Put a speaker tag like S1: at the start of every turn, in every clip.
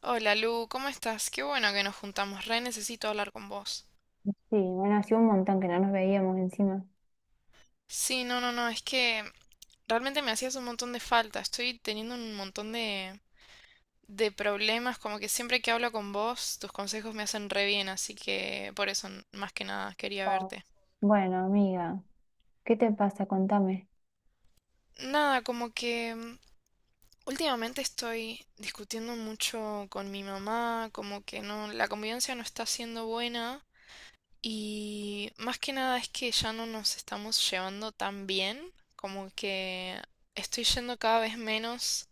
S1: Hola Lu, ¿cómo estás? Qué bueno que nos juntamos, re necesito hablar con vos.
S2: Sí, bueno, hacía un montón que no nos veíamos encima.
S1: Sí, no, no, no, es que realmente me hacías un montón de falta, estoy teniendo un montón de problemas, como que siempre que hablo con vos, tus consejos me hacen re bien, así que por eso más que nada quería
S2: Oh.
S1: verte.
S2: Bueno, amiga, ¿qué te pasa? Contame.
S1: Nada, como que últimamente estoy discutiendo mucho con mi mamá, como que no, la convivencia no está siendo buena. Y más que nada es que ya no nos estamos llevando tan bien, como que estoy yendo cada vez menos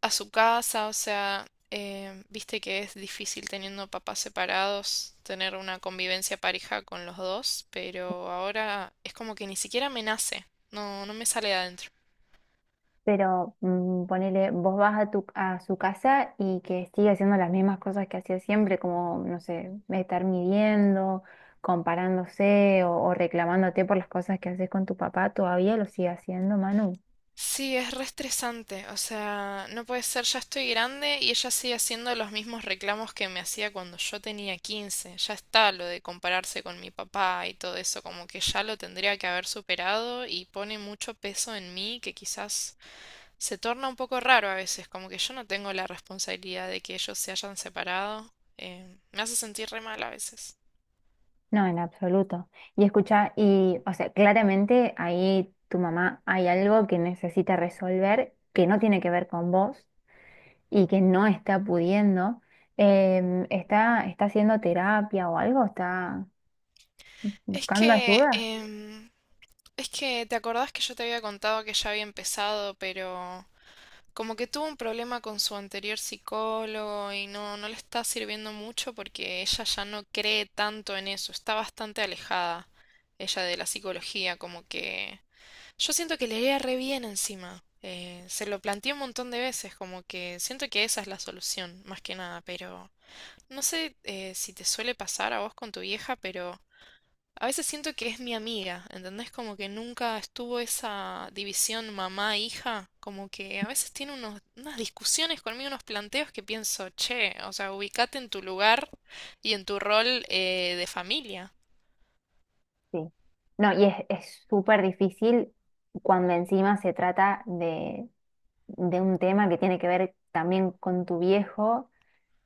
S1: a su casa, o sea, viste que es difícil teniendo papás separados tener una convivencia pareja con los dos, pero ahora es como que ni siquiera me nace, no, no me sale de adentro.
S2: Pero ponele, vos vas a tu a su casa y que sigue haciendo las mismas cosas que hacía siempre, como, no sé, estar midiendo, comparándose o reclamándote por las cosas que haces con tu papá, ¿todavía lo sigue haciendo, Manu?
S1: Sí, es re estresante, o sea, no puede ser, ya estoy grande y ella sigue haciendo los mismos reclamos que me hacía cuando yo tenía 15. Ya está lo de compararse con mi papá y todo eso, como que ya lo tendría que haber superado y pone mucho peso en mí que quizás se torna un poco raro a veces, como que yo no tengo la responsabilidad de que ellos se hayan separado. Me hace sentir re mal a veces.
S2: No, en absoluto. Y escucha, o sea, claramente ahí tu mamá hay algo que necesita resolver que no tiene que ver con vos y que no está pudiendo, ¿está haciendo terapia o algo? ¿Está
S1: Es
S2: buscando
S1: que,
S2: ayuda?
S1: es que, ¿te acordás que yo te había contado que ya había empezado, pero... Como que tuvo un problema con su anterior psicólogo y no le está sirviendo mucho porque ella ya no cree tanto en eso, está bastante alejada ella de la psicología, como que yo siento que le iría re bien encima. Se lo planteé un montón de veces, como que siento que esa es la solución, más que nada, pero no sé, si te suele pasar a vos con tu vieja, pero a veces siento que es mi amiga, ¿entendés? Como que nunca estuvo esa división mamá-hija, como que a veces tiene unas discusiones conmigo, unos planteos que pienso, che, o sea, ubicate en tu lugar y en tu rol, de familia.
S2: Sí. No, y es súper difícil cuando encima se trata de un tema que tiene que ver también con tu viejo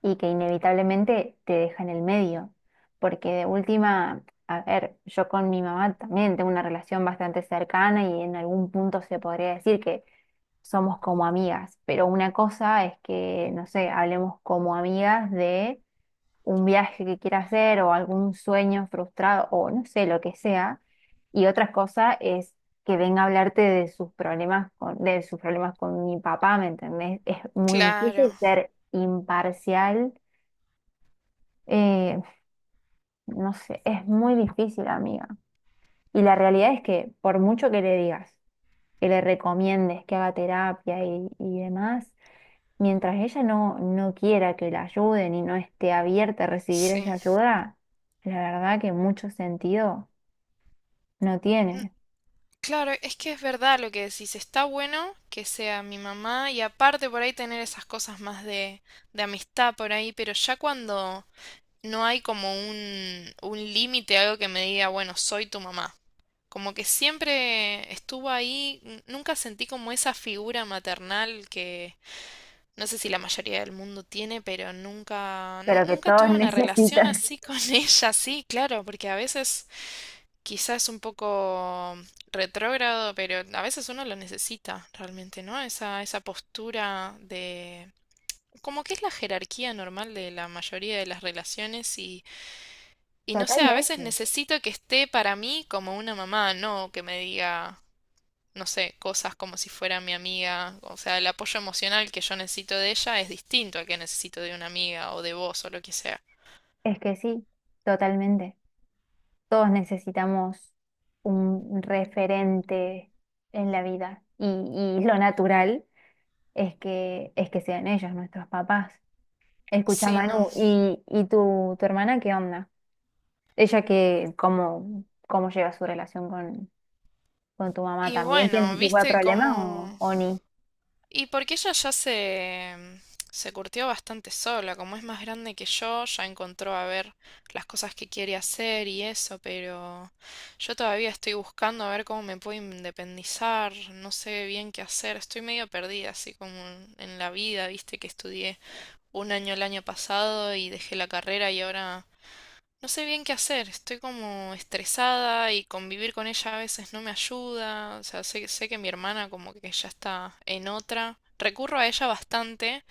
S2: y que inevitablemente te deja en el medio, porque de última, a ver, yo con mi mamá también tengo una relación bastante cercana y en algún punto se podría decir que somos como amigas, pero una cosa es que, no sé, hablemos como amigas de un viaje que quiera hacer o algún sueño frustrado o no sé, lo que sea, y otra cosa es que venga a hablarte de sus problemas de sus problemas con mi papá, ¿me entendés? Es muy
S1: Claro,
S2: difícil ser imparcial eh, no sé, es muy difícil, amiga. Y la realidad es que por mucho que le digas, que le recomiendes que haga terapia y demás, mientras ella no, no quiera que la ayuden y no esté abierta a recibir esa
S1: sí.
S2: ayuda, la verdad que mucho sentido no tiene.
S1: Claro, es que es verdad lo que decís, está bueno que sea mi mamá y aparte por ahí tener esas cosas más de amistad por ahí, pero ya cuando no hay como un límite, algo que me diga, bueno, soy tu mamá. Como que siempre estuvo ahí, nunca sentí como esa figura maternal que no sé si la mayoría del mundo tiene, pero
S2: Pero que
S1: nunca
S2: todos
S1: tuve una relación
S2: necesitan.
S1: así con ella, sí, claro, porque a veces quizás es un poco retrógrado, pero a veces uno lo necesita realmente, ¿no? Esa postura de... como que es la jerarquía normal de la mayoría de las relaciones y... Y no sé, a veces
S2: Totalmente.
S1: necesito que esté para mí como una mamá, no que me diga, no sé, cosas como si fuera mi amiga. O sea, el apoyo emocional que yo necesito de ella es distinto al que necesito de una amiga o de vos o lo que sea.
S2: Es que sí, totalmente. Todos necesitamos un referente en la vida y lo natural. Es que, es que sean ellos nuestros papás. Escucha,
S1: Sí, no.
S2: Manu, ¿y tu, tu hermana qué onda? ¿Ella que cómo, cómo lleva su relación con tu mamá?
S1: Y
S2: ¿También tiene
S1: bueno,
S2: ese tipo de
S1: viste
S2: problema o,
S1: cómo...
S2: o ni?
S1: Y porque ella ya se... se curtió bastante sola, como es más grande que yo, ya encontró a ver las cosas que quiere hacer y eso, pero yo todavía estoy buscando a ver cómo me puedo independizar, no sé bien qué hacer, estoy medio perdida así como en la vida, viste, que estudié un año el año pasado y dejé la carrera y ahora no sé bien qué hacer. Estoy como estresada y convivir con ella a veces no me ayuda. O sea, sé que mi hermana como que ya está en otra. Recurro a ella bastante,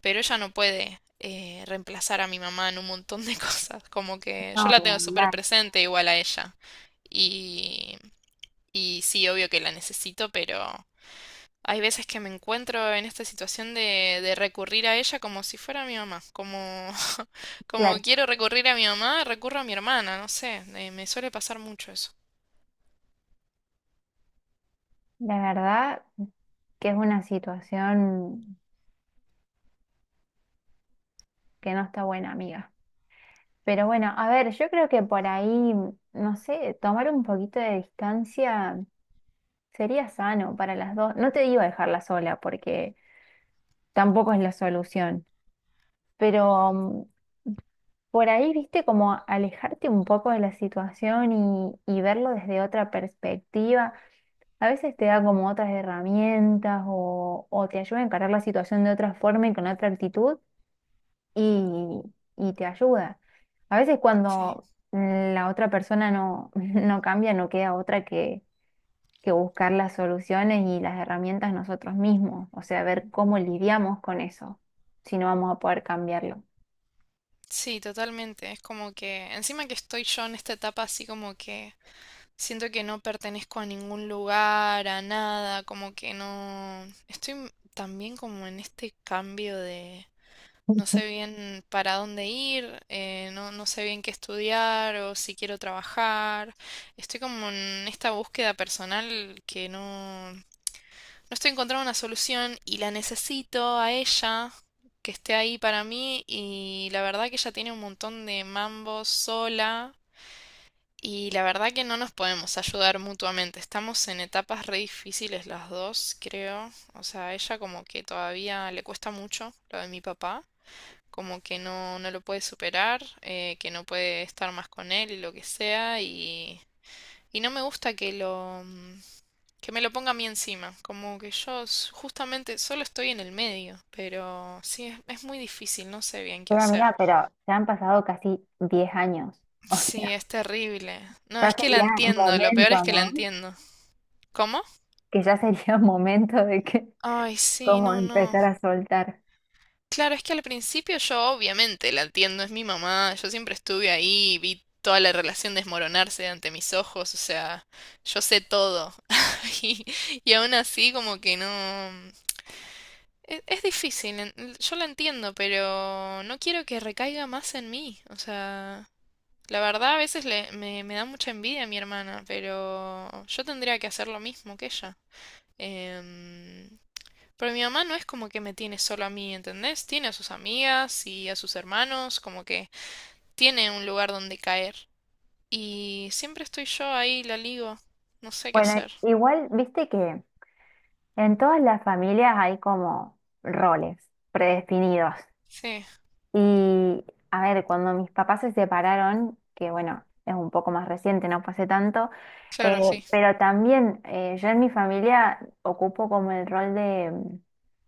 S1: pero ella no puede, reemplazar a mi mamá en un montón de cosas. Como que yo
S2: No,
S1: la tengo
S2: no,
S1: súper
S2: la,
S1: presente igual a ella. Y, y sí, obvio que la necesito, pero hay veces que me encuentro en esta situación de recurrir a ella como si fuera mi mamá, como, como
S2: claro.
S1: quiero recurrir a mi mamá, recurro a mi hermana, no sé, me suele pasar mucho eso.
S2: La verdad que es una situación que no está buena, amiga. Pero bueno, a ver, yo creo que por ahí, no sé, tomar un poquito de distancia sería sano para las dos. No te digo dejarla sola porque tampoco es la solución. Pero por ahí, viste, como alejarte un poco de la situación y verlo desde otra perspectiva, a veces te da como otras herramientas o te ayuda a encarar la situación de otra forma y con otra actitud y, y te ayuda. A veces
S1: Sí.
S2: cuando la otra persona no, no cambia, no queda otra que buscar las soluciones y las herramientas nosotros mismos, o sea, ver cómo lidiamos con eso, si no vamos a poder cambiarlo.
S1: Sí, totalmente, es como que encima que estoy yo en esta etapa así como que siento que no pertenezco a ningún lugar, a nada, como que no, estoy también como en este cambio de... No sé bien para dónde ir, no, no sé bien qué estudiar o si quiero trabajar. Estoy como en esta búsqueda personal que no estoy encontrando una solución y la necesito a ella, que esté ahí para mí y la verdad que ella tiene un montón de mambos sola y la verdad que no nos podemos ayudar mutuamente. Estamos en etapas re difíciles las dos, creo. O sea, a ella como que todavía le cuesta mucho lo de mi papá, como que no, no lo puede superar, que no puede estar más con él y lo que sea, y no me gusta que que me lo ponga a mí encima, como que yo justamente solo estoy en el medio, pero sí, es muy difícil, no sé bien qué
S2: Pero
S1: hacer.
S2: amiga, pero ya han pasado casi 10 años. O
S1: Sí,
S2: sea,
S1: es terrible. No,
S2: ya
S1: es que la
S2: sería
S1: entiendo, lo peor
S2: momento,
S1: es que la
S2: ¿no?
S1: entiendo. ¿Cómo?
S2: Que ya sería momento de que,
S1: Ay, sí,
S2: como
S1: no, no.
S2: empezar a soltar.
S1: Claro, es que al principio yo obviamente la entiendo, es mi mamá, yo siempre estuve ahí, vi toda la relación desmoronarse ante mis ojos, o sea, yo sé todo. Y, y aún así como que no... es difícil, yo la entiendo, pero no quiero que recaiga más en mí, o sea, la verdad a veces me da mucha envidia a mi hermana, pero yo tendría que hacer lo mismo que ella. Em, pero mi mamá no es como que me tiene solo a mí, ¿entendés? Tiene a sus amigas y a sus hermanos, como que tiene un lugar donde caer. Y siempre estoy yo ahí, la ligo. No sé qué
S2: Bueno,
S1: hacer.
S2: igual, viste que en todas las familias hay como roles predefinidos.
S1: Sí,
S2: Y a ver, cuando mis papás se separaron, que bueno, es un poco más reciente, no pasé tanto, eh,
S1: claro, sí,
S2: pero también yo en mi familia ocupo como el rol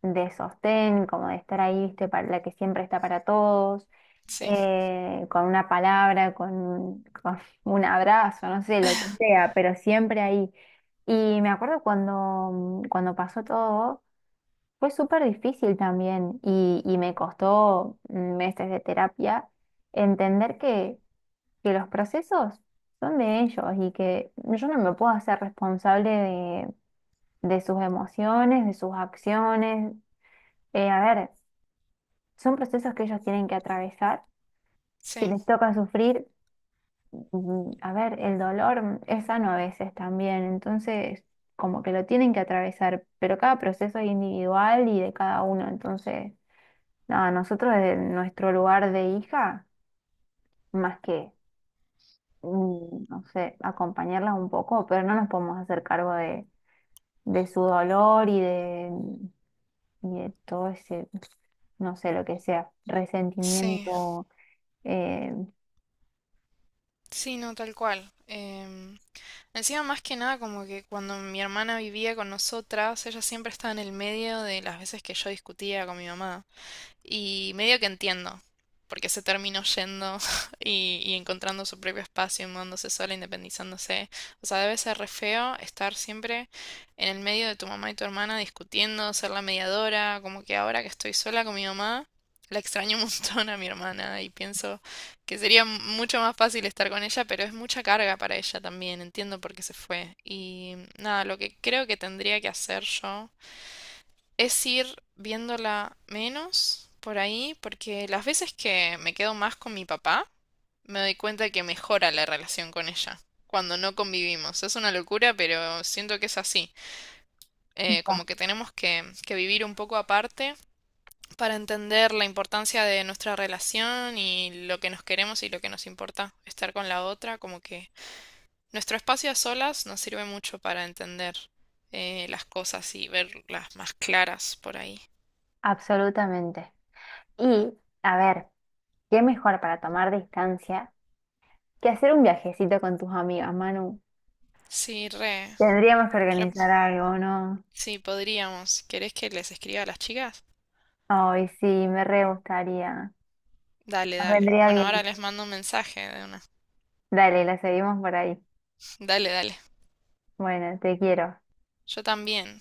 S2: de sostén, como de estar ahí, viste, para la que siempre está para todos,
S1: sí,
S2: con una palabra, con un abrazo, no sé, lo que sea, pero siempre ahí. Y me acuerdo cuando, cuando pasó todo. Fue súper difícil también y me costó meses de terapia entender que los procesos son de ellos y que yo no me puedo hacer responsable de sus emociones, de sus acciones. A ver, son procesos que ellos tienen que atravesar. Si
S1: sí,
S2: les toca sufrir, a ver, el dolor es sano a veces también, entonces como que lo tienen que atravesar, pero cada proceso es individual y de cada uno, entonces... No, nosotros desde nuestro lugar de hija, más que, no sé, acompañarlas un poco, pero no nos podemos hacer cargo de su dolor y de todo ese, no sé, lo que sea,
S1: sí,
S2: resentimiento, eh,
S1: sí, no, tal cual. Encima, más que nada, como que cuando mi hermana vivía con nosotras, ella siempre estaba en el medio de las veces que yo discutía con mi mamá. Y medio que entiendo, porque se terminó yendo y encontrando su propio espacio, mudándose sola, independizándose. O sea, debe ser re feo estar siempre en el medio de tu mamá y tu hermana discutiendo, ser la mediadora, como que ahora que estoy sola con mi mamá, la extraño un montón a mi hermana y pienso que sería mucho más fácil estar con ella, pero es mucha carga para ella también, entiendo por qué se fue. Y nada, lo que creo que tendría que hacer yo es ir viéndola menos por ahí, porque las veces que me quedo más con mi papá, me doy cuenta que mejora la relación con ella cuando no convivimos. Es una locura, pero siento que es así.
S2: culpa.
S1: Como que tenemos que vivir un poco aparte para entender la importancia de nuestra relación y lo que nos queremos y lo que nos importa estar con la otra. Como que nuestro espacio a solas nos sirve mucho para entender, las cosas y verlas más claras por ahí.
S2: Absolutamente. Y, a ver, ¿qué mejor para tomar distancia que hacer un viajecito con tus amigas, Manu?
S1: Sí, re.
S2: Tendríamos que
S1: Ep,
S2: organizar algo, ¿no?
S1: sí, podríamos. ¿Querés que les escriba a las chicas?
S2: Ay, sí, me re gustaría.
S1: Dale,
S2: Nos
S1: dale.
S2: vendría
S1: Bueno, ahora
S2: bien.
S1: les mando un mensaje de una.
S2: Dale, la seguimos por ahí.
S1: Dale, dale.
S2: Bueno, te quiero.
S1: Yo también.